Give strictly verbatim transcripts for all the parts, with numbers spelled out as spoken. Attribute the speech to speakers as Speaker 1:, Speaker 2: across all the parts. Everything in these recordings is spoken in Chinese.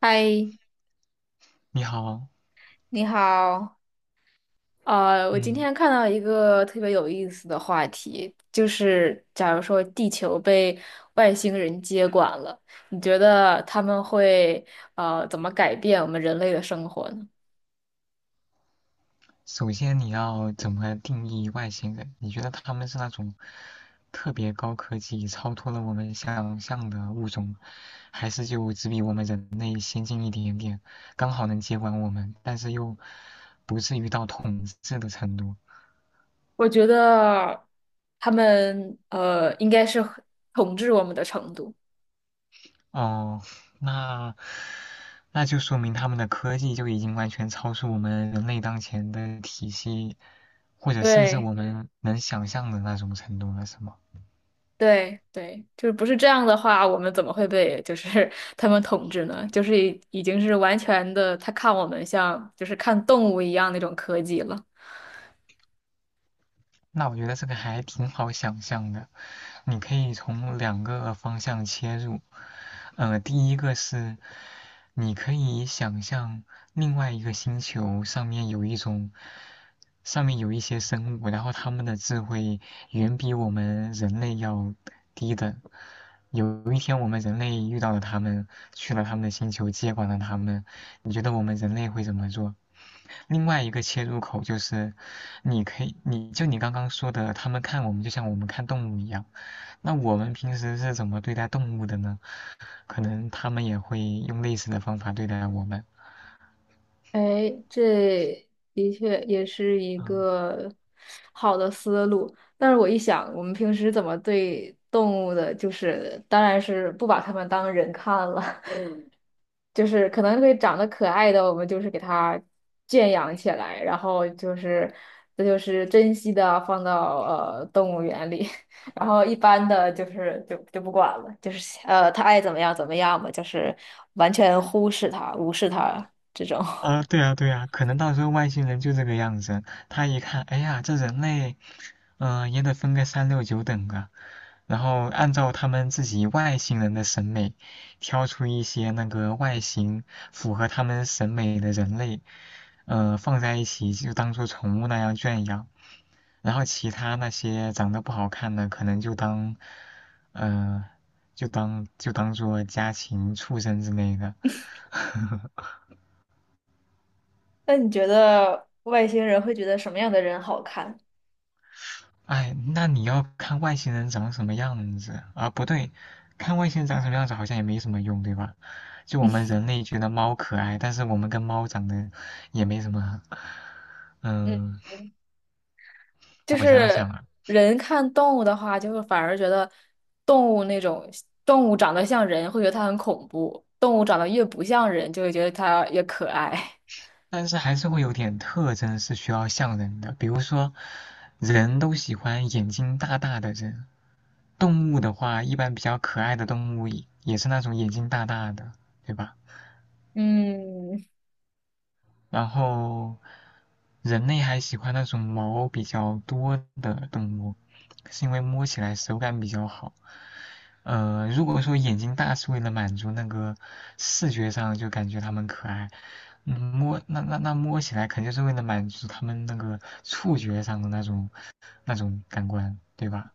Speaker 1: 嗨，
Speaker 2: 你好，
Speaker 1: 你好。呃，我今
Speaker 2: 嗯，
Speaker 1: 天看到一个特别有意思的话题，就是假如说地球被外星人接管了，你觉得他们会呃怎么改变我们人类的生活呢？
Speaker 2: 首先你要怎么定义外星人？你觉得他们是那种特别高科技、超脱了我们想象的物种，还是就只比我们人类先进一点点，刚好能接管我们，但是又不至于到统治的程度？
Speaker 1: 我觉得他们呃应该是统治我们的程度。
Speaker 2: 哦，那那就说明他们的科技就已经完全超出我们人类当前的体系，或者甚至
Speaker 1: 对。
Speaker 2: 我们能想象的那种程度了，是吗？
Speaker 1: 对对，就是不是这样的话，我们怎么会被就是 他们统治呢？就是已已经是完全的，他看我们像就是看动物一样那种科技了。
Speaker 2: 那我觉得这个还挺好想象的，你可以从两个方向切入。呃，第一个是你可以想象另外一个星球上面有一种，上面有一些生物，然后他们的智慧远比我们人类要低等。有一天我们人类遇到了他们，去了他们的星球，接管了他们，你觉得我们人类会怎么做？另外一个切入口就是，你可以，你就你刚刚说的，他们看我们就像我们看动物一样。那我们平时是怎么对待动物的呢？可能他们也会用类似的方法对待我们。
Speaker 1: 哎，这的确也是一
Speaker 2: 嗯。
Speaker 1: 个好的思路。但是我一想，我们平时怎么对动物的，就是当然是不把它们当人看了。就是可能会长得可爱的，我们就是给它圈养起来，然后就是这就是珍惜的放到呃动物园里，然后一般的就是就就不管了，就是呃它爱怎么样怎么样吧，就是完全忽视它、无视它这种。
Speaker 2: 啊，对啊，对啊，可能到时候外星人就这个样子，他一看，哎呀，这人类，嗯、也得分个三六九等啊，然后按照他们自己外星人的审美，挑出一些那个外形符合他们审美的人类，呃，放在一起就当做宠物那样圈养，然后其他那些长得不好看的，可能就当，呃，就当就当做家禽、畜生之类的。
Speaker 1: 那你觉得外星人会觉得什么样的人好看？
Speaker 2: 哎，那你要看外星人长什么样子啊？不对，看外星人长什么样子好像也没什么用，对吧？就我们人类觉得猫可爱，但是我们跟猫长得也没什么。
Speaker 1: 嗯。
Speaker 2: 嗯，
Speaker 1: 就
Speaker 2: 我想
Speaker 1: 是
Speaker 2: 想啊，
Speaker 1: 人看动物的话，就会反而觉得动物那种动物长得像人，会觉得它很恐怖；动物长得越不像人，就会觉得它越可爱。
Speaker 2: 但是还是会有点特征是需要像人的，比如说，人都喜欢眼睛大大的人，动物的话，一般比较可爱的动物也也是那种眼睛大大的，对吧？
Speaker 1: 嗯，
Speaker 2: 然后人类还喜欢那种毛比较多的动物，是因为摸起来手感比较好。呃，如果说眼睛大是为了满足那个视觉上就感觉它们可爱，嗯，摸那那那摸起来肯定是为了满足它们那个触觉上的那种那种感官，对吧？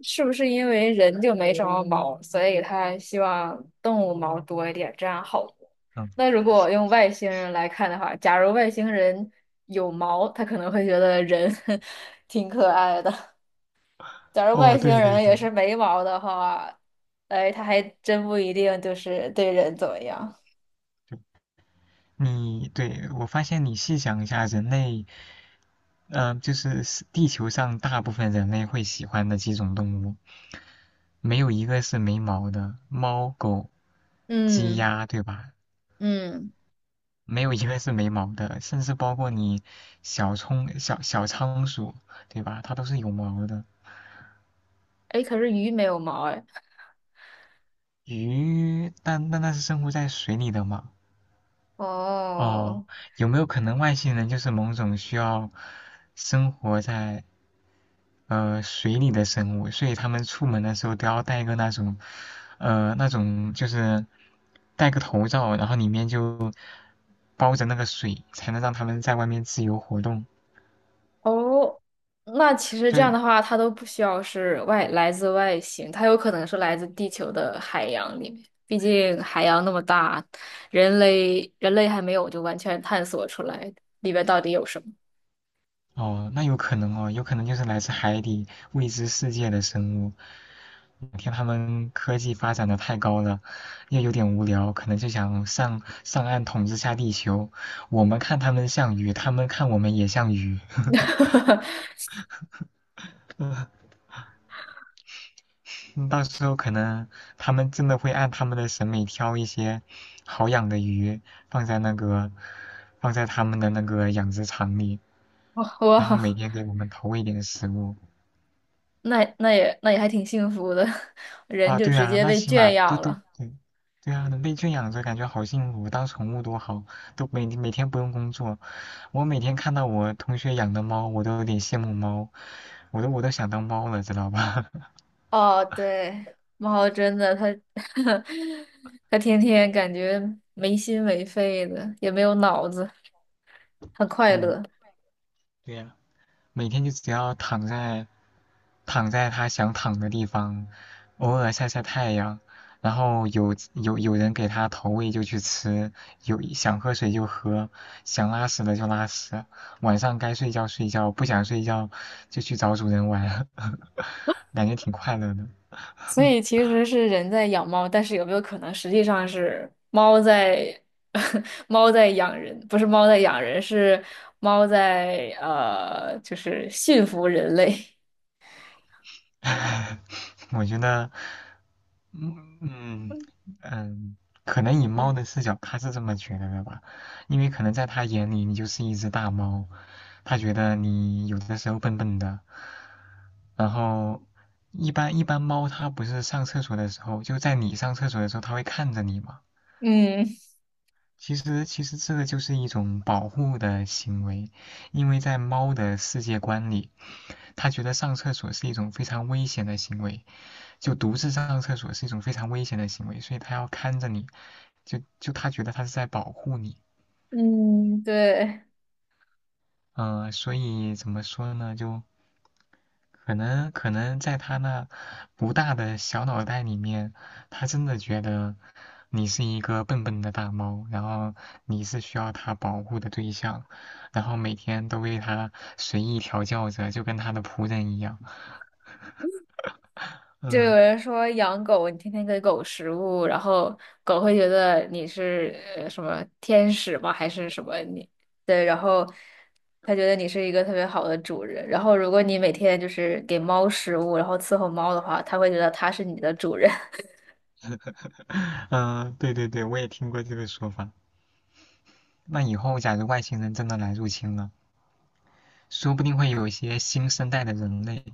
Speaker 1: 是不是因为人就没什么毛，所以他希望动物毛多一点，这样好摸。
Speaker 2: 嗯，
Speaker 1: 那如果用外星人来看的话，假如外星人有毛，他可能会觉得人 挺可爱的。假如外
Speaker 2: 哦，
Speaker 1: 星
Speaker 2: 对对
Speaker 1: 人
Speaker 2: 对，
Speaker 1: 也是没毛的话，哎，他还真不一定就是对人怎么样。
Speaker 2: 你对我发现你细想一下，人类，嗯、就是是地球上大部分人类会喜欢的几种动物，没有一个是没毛的，猫、狗、鸡、
Speaker 1: 嗯
Speaker 2: 鸭，对吧？
Speaker 1: 嗯，
Speaker 2: 没有一个是没毛的，甚至包括你小葱、小小仓鼠，对吧？它都是有毛的。
Speaker 1: 哎，可是鱼没有毛哎。
Speaker 2: 鱼，但但那是生活在水里的嘛？
Speaker 1: 哦
Speaker 2: 哦，有没有可能外星人就是某种需要生活在呃水里的生物，所以他们出门的时候都要戴个那种呃那种就是戴个头罩，然后里面就包着那个水，才能让他们在外面自由活动。
Speaker 1: 哦，那其实
Speaker 2: 就
Speaker 1: 这样的话，它都不需要是外来自外星，它有可能是来自地球的海洋里面。毕竟海洋那么大，人类人类还没有就完全探索出来里边到底有什么。
Speaker 2: 哦，那有可能哦，有可能就是来自海底未知世界的生物。哪天他们科技发展的太高了，又有点无聊，可能就想上上岸统治下地球。我们看他们像鱼，他们看我们也像鱼。呵。到时候可能他们真的会按他们的审美挑一些好养的鱼，放在那个放在他们的那个养殖场里。
Speaker 1: 哇
Speaker 2: 然后每
Speaker 1: 哇！
Speaker 2: 天给我们投喂点食物。
Speaker 1: 那那也那也还挺幸福的，人
Speaker 2: 啊，
Speaker 1: 就
Speaker 2: 对
Speaker 1: 直
Speaker 2: 啊，
Speaker 1: 接
Speaker 2: 那
Speaker 1: 被
Speaker 2: 起
Speaker 1: 圈
Speaker 2: 码都
Speaker 1: 养
Speaker 2: 都
Speaker 1: 了。
Speaker 2: 对，对啊，能被圈养着，感觉好幸福，当宠物多好，都每每天不用工作。我每天看到我同学养的猫，我都有点羡慕猫，我都我都想当猫了，知道吧？
Speaker 1: 哦，对，猫真的，它 它天天感觉没心没肺的，也没有脑子，很快
Speaker 2: 嗯，
Speaker 1: 乐。
Speaker 2: 对呀、每天就只要躺在躺在它想躺的地方，偶尔晒晒太阳，然后有有有人给它投喂就去吃，有想喝水就喝，想拉屎了就拉屎，晚上该睡觉睡觉，不想睡觉就去找主人玩，感觉挺快乐的。
Speaker 1: 所以其实是人在养猫，但是有没有可能实际上是猫在 猫在养人？不是猫在养人，是猫在呃，就是驯服人类。
Speaker 2: 我觉得嗯嗯嗯，可能以猫的视角，它是这么觉得的吧，因为可能在它眼里你就是一只大猫，它觉得你有的时候笨笨的，然后一般一般猫它不是上厕所的时候，就在你上厕所的时候，它会看着你嘛。
Speaker 1: 嗯
Speaker 2: 其实其实这个就是一种保护的行为，因为在猫的世界观里，它觉得上厕所是一种非常危险的行为，就独自上厕所是一种非常危险的行为，所以他要看着你，就就他觉得他是在保护你，
Speaker 1: 嗯，对。
Speaker 2: 嗯、呃，所以怎么说呢？就可能可能在他那不大的小脑袋里面，他真的觉得你是一个笨笨的大猫，然后你是需要他保护的对象，然后每天都为他随意调教着，就跟他的仆人一样。
Speaker 1: 就有
Speaker 2: 嗯、
Speaker 1: 人说养狗，你天天给狗食物，然后狗会觉得你是呃什么天使吗？还是什么你？对，然后它觉得你是一个特别好的主人。然后如果你每天就是给猫食物，然后伺候猫的话，它会觉得它是你的主人。
Speaker 2: 呃嗯、呃对对对，我也听过这个说法。那以后，假如外星人真的来入侵了，说不定会有一些新生代的人类，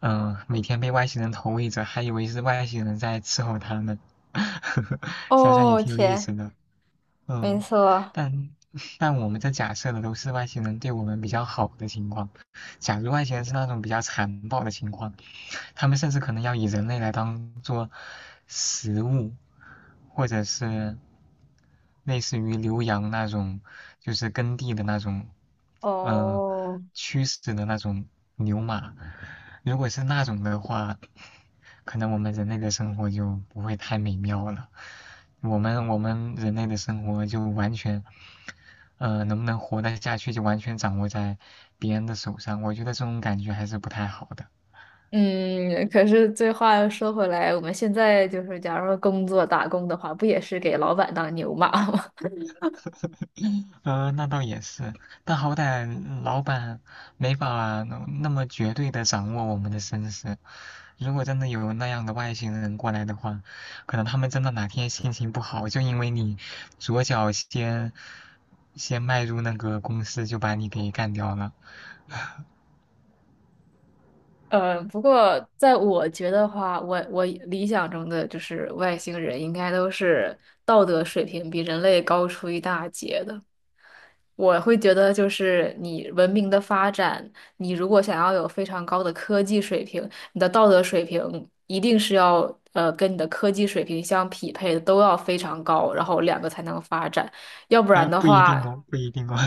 Speaker 2: 嗯、呃每天被外星人投喂着，还以为是外星人在伺候他们，想想也
Speaker 1: 哦，
Speaker 2: 挺有意
Speaker 1: 天，
Speaker 2: 思的。
Speaker 1: 没
Speaker 2: 嗯，
Speaker 1: 错，
Speaker 2: 但但我们这假设的都是外星人对我们比较好的情况，假如外星人是那种比较残暴的情况，他们甚至可能要以人类来当做食物，或者是类似于浏阳那种，就是耕地的那种，呃，
Speaker 1: 哦，
Speaker 2: 驱使的那种牛马。如果是那种的话，可能我们人类的生活就不会太美妙了。我们我们人类的生活就完全，呃，能不能活得下去就完全掌握在别人的手上。我觉得这种感觉还是不太好的。
Speaker 1: 嗯，可是这话又说回来，我们现在就是假如说工作打工的话，不也是给老板当牛马吗？
Speaker 2: 呃，那倒也是，但好歹老板没法那么绝对的掌握我们的身世。如果真的有那样的外星人过来的话，可能他们真的哪天心情不好，就因为你左脚先先迈入那个公司，就把你给干掉了。
Speaker 1: 呃，不过在我觉得话，我我理想中的就是外星人应该都是道德水平比人类高出一大截的。我会觉得，就是你文明的发展，你如果想要有非常高的科技水平，你的道德水平一定是要呃跟你的科技水平相匹配的，都要非常高，然后两个才能发展。要不然
Speaker 2: 呃，
Speaker 1: 的
Speaker 2: 不一定
Speaker 1: 话，
Speaker 2: 哦，不一定哦。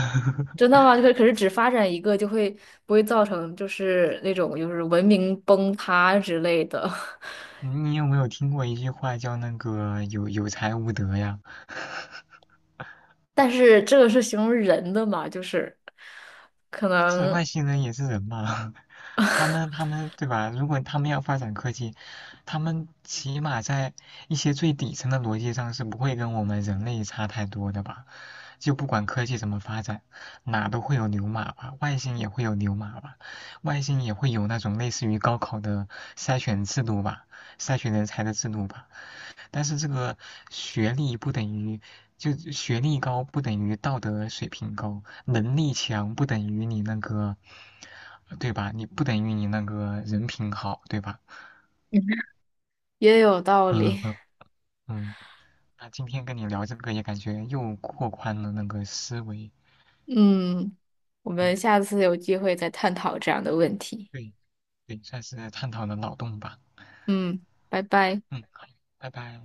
Speaker 1: 真的吗？可可是只发展一个，就会不会造成就是那种就是文明崩塌之类的？
Speaker 2: 你有没有听过一句话叫那个有有才无德呀？
Speaker 1: 但是这个是形容人的嘛，就是可
Speaker 2: 是
Speaker 1: 能
Speaker 2: 外星人也是人嘛，他们他 们对吧？如果他们要发展科技，他们起码在一些最底层的逻辑上是不会跟我们人类差太多的吧？就不管科技怎么发展，哪都会有牛马吧，外星也会有牛马吧，外星也会有那种类似于高考的筛选制度吧，筛选人才的制度吧。但是这个学历不等于，就学历高不等于道德水平高，能力强不等于你那个，对吧？你不等于你那个人品好，对吧？
Speaker 1: 也有道
Speaker 2: 嗯
Speaker 1: 理。
Speaker 2: 嗯嗯。那今天跟你聊这个也感觉又拓宽了那个思维，
Speaker 1: 嗯，我
Speaker 2: 嗯，
Speaker 1: 们下次有机会再探讨这样的问题。
Speaker 2: 对对，算是探讨了脑洞吧，
Speaker 1: 嗯，拜拜。
Speaker 2: 嗯，好，拜拜。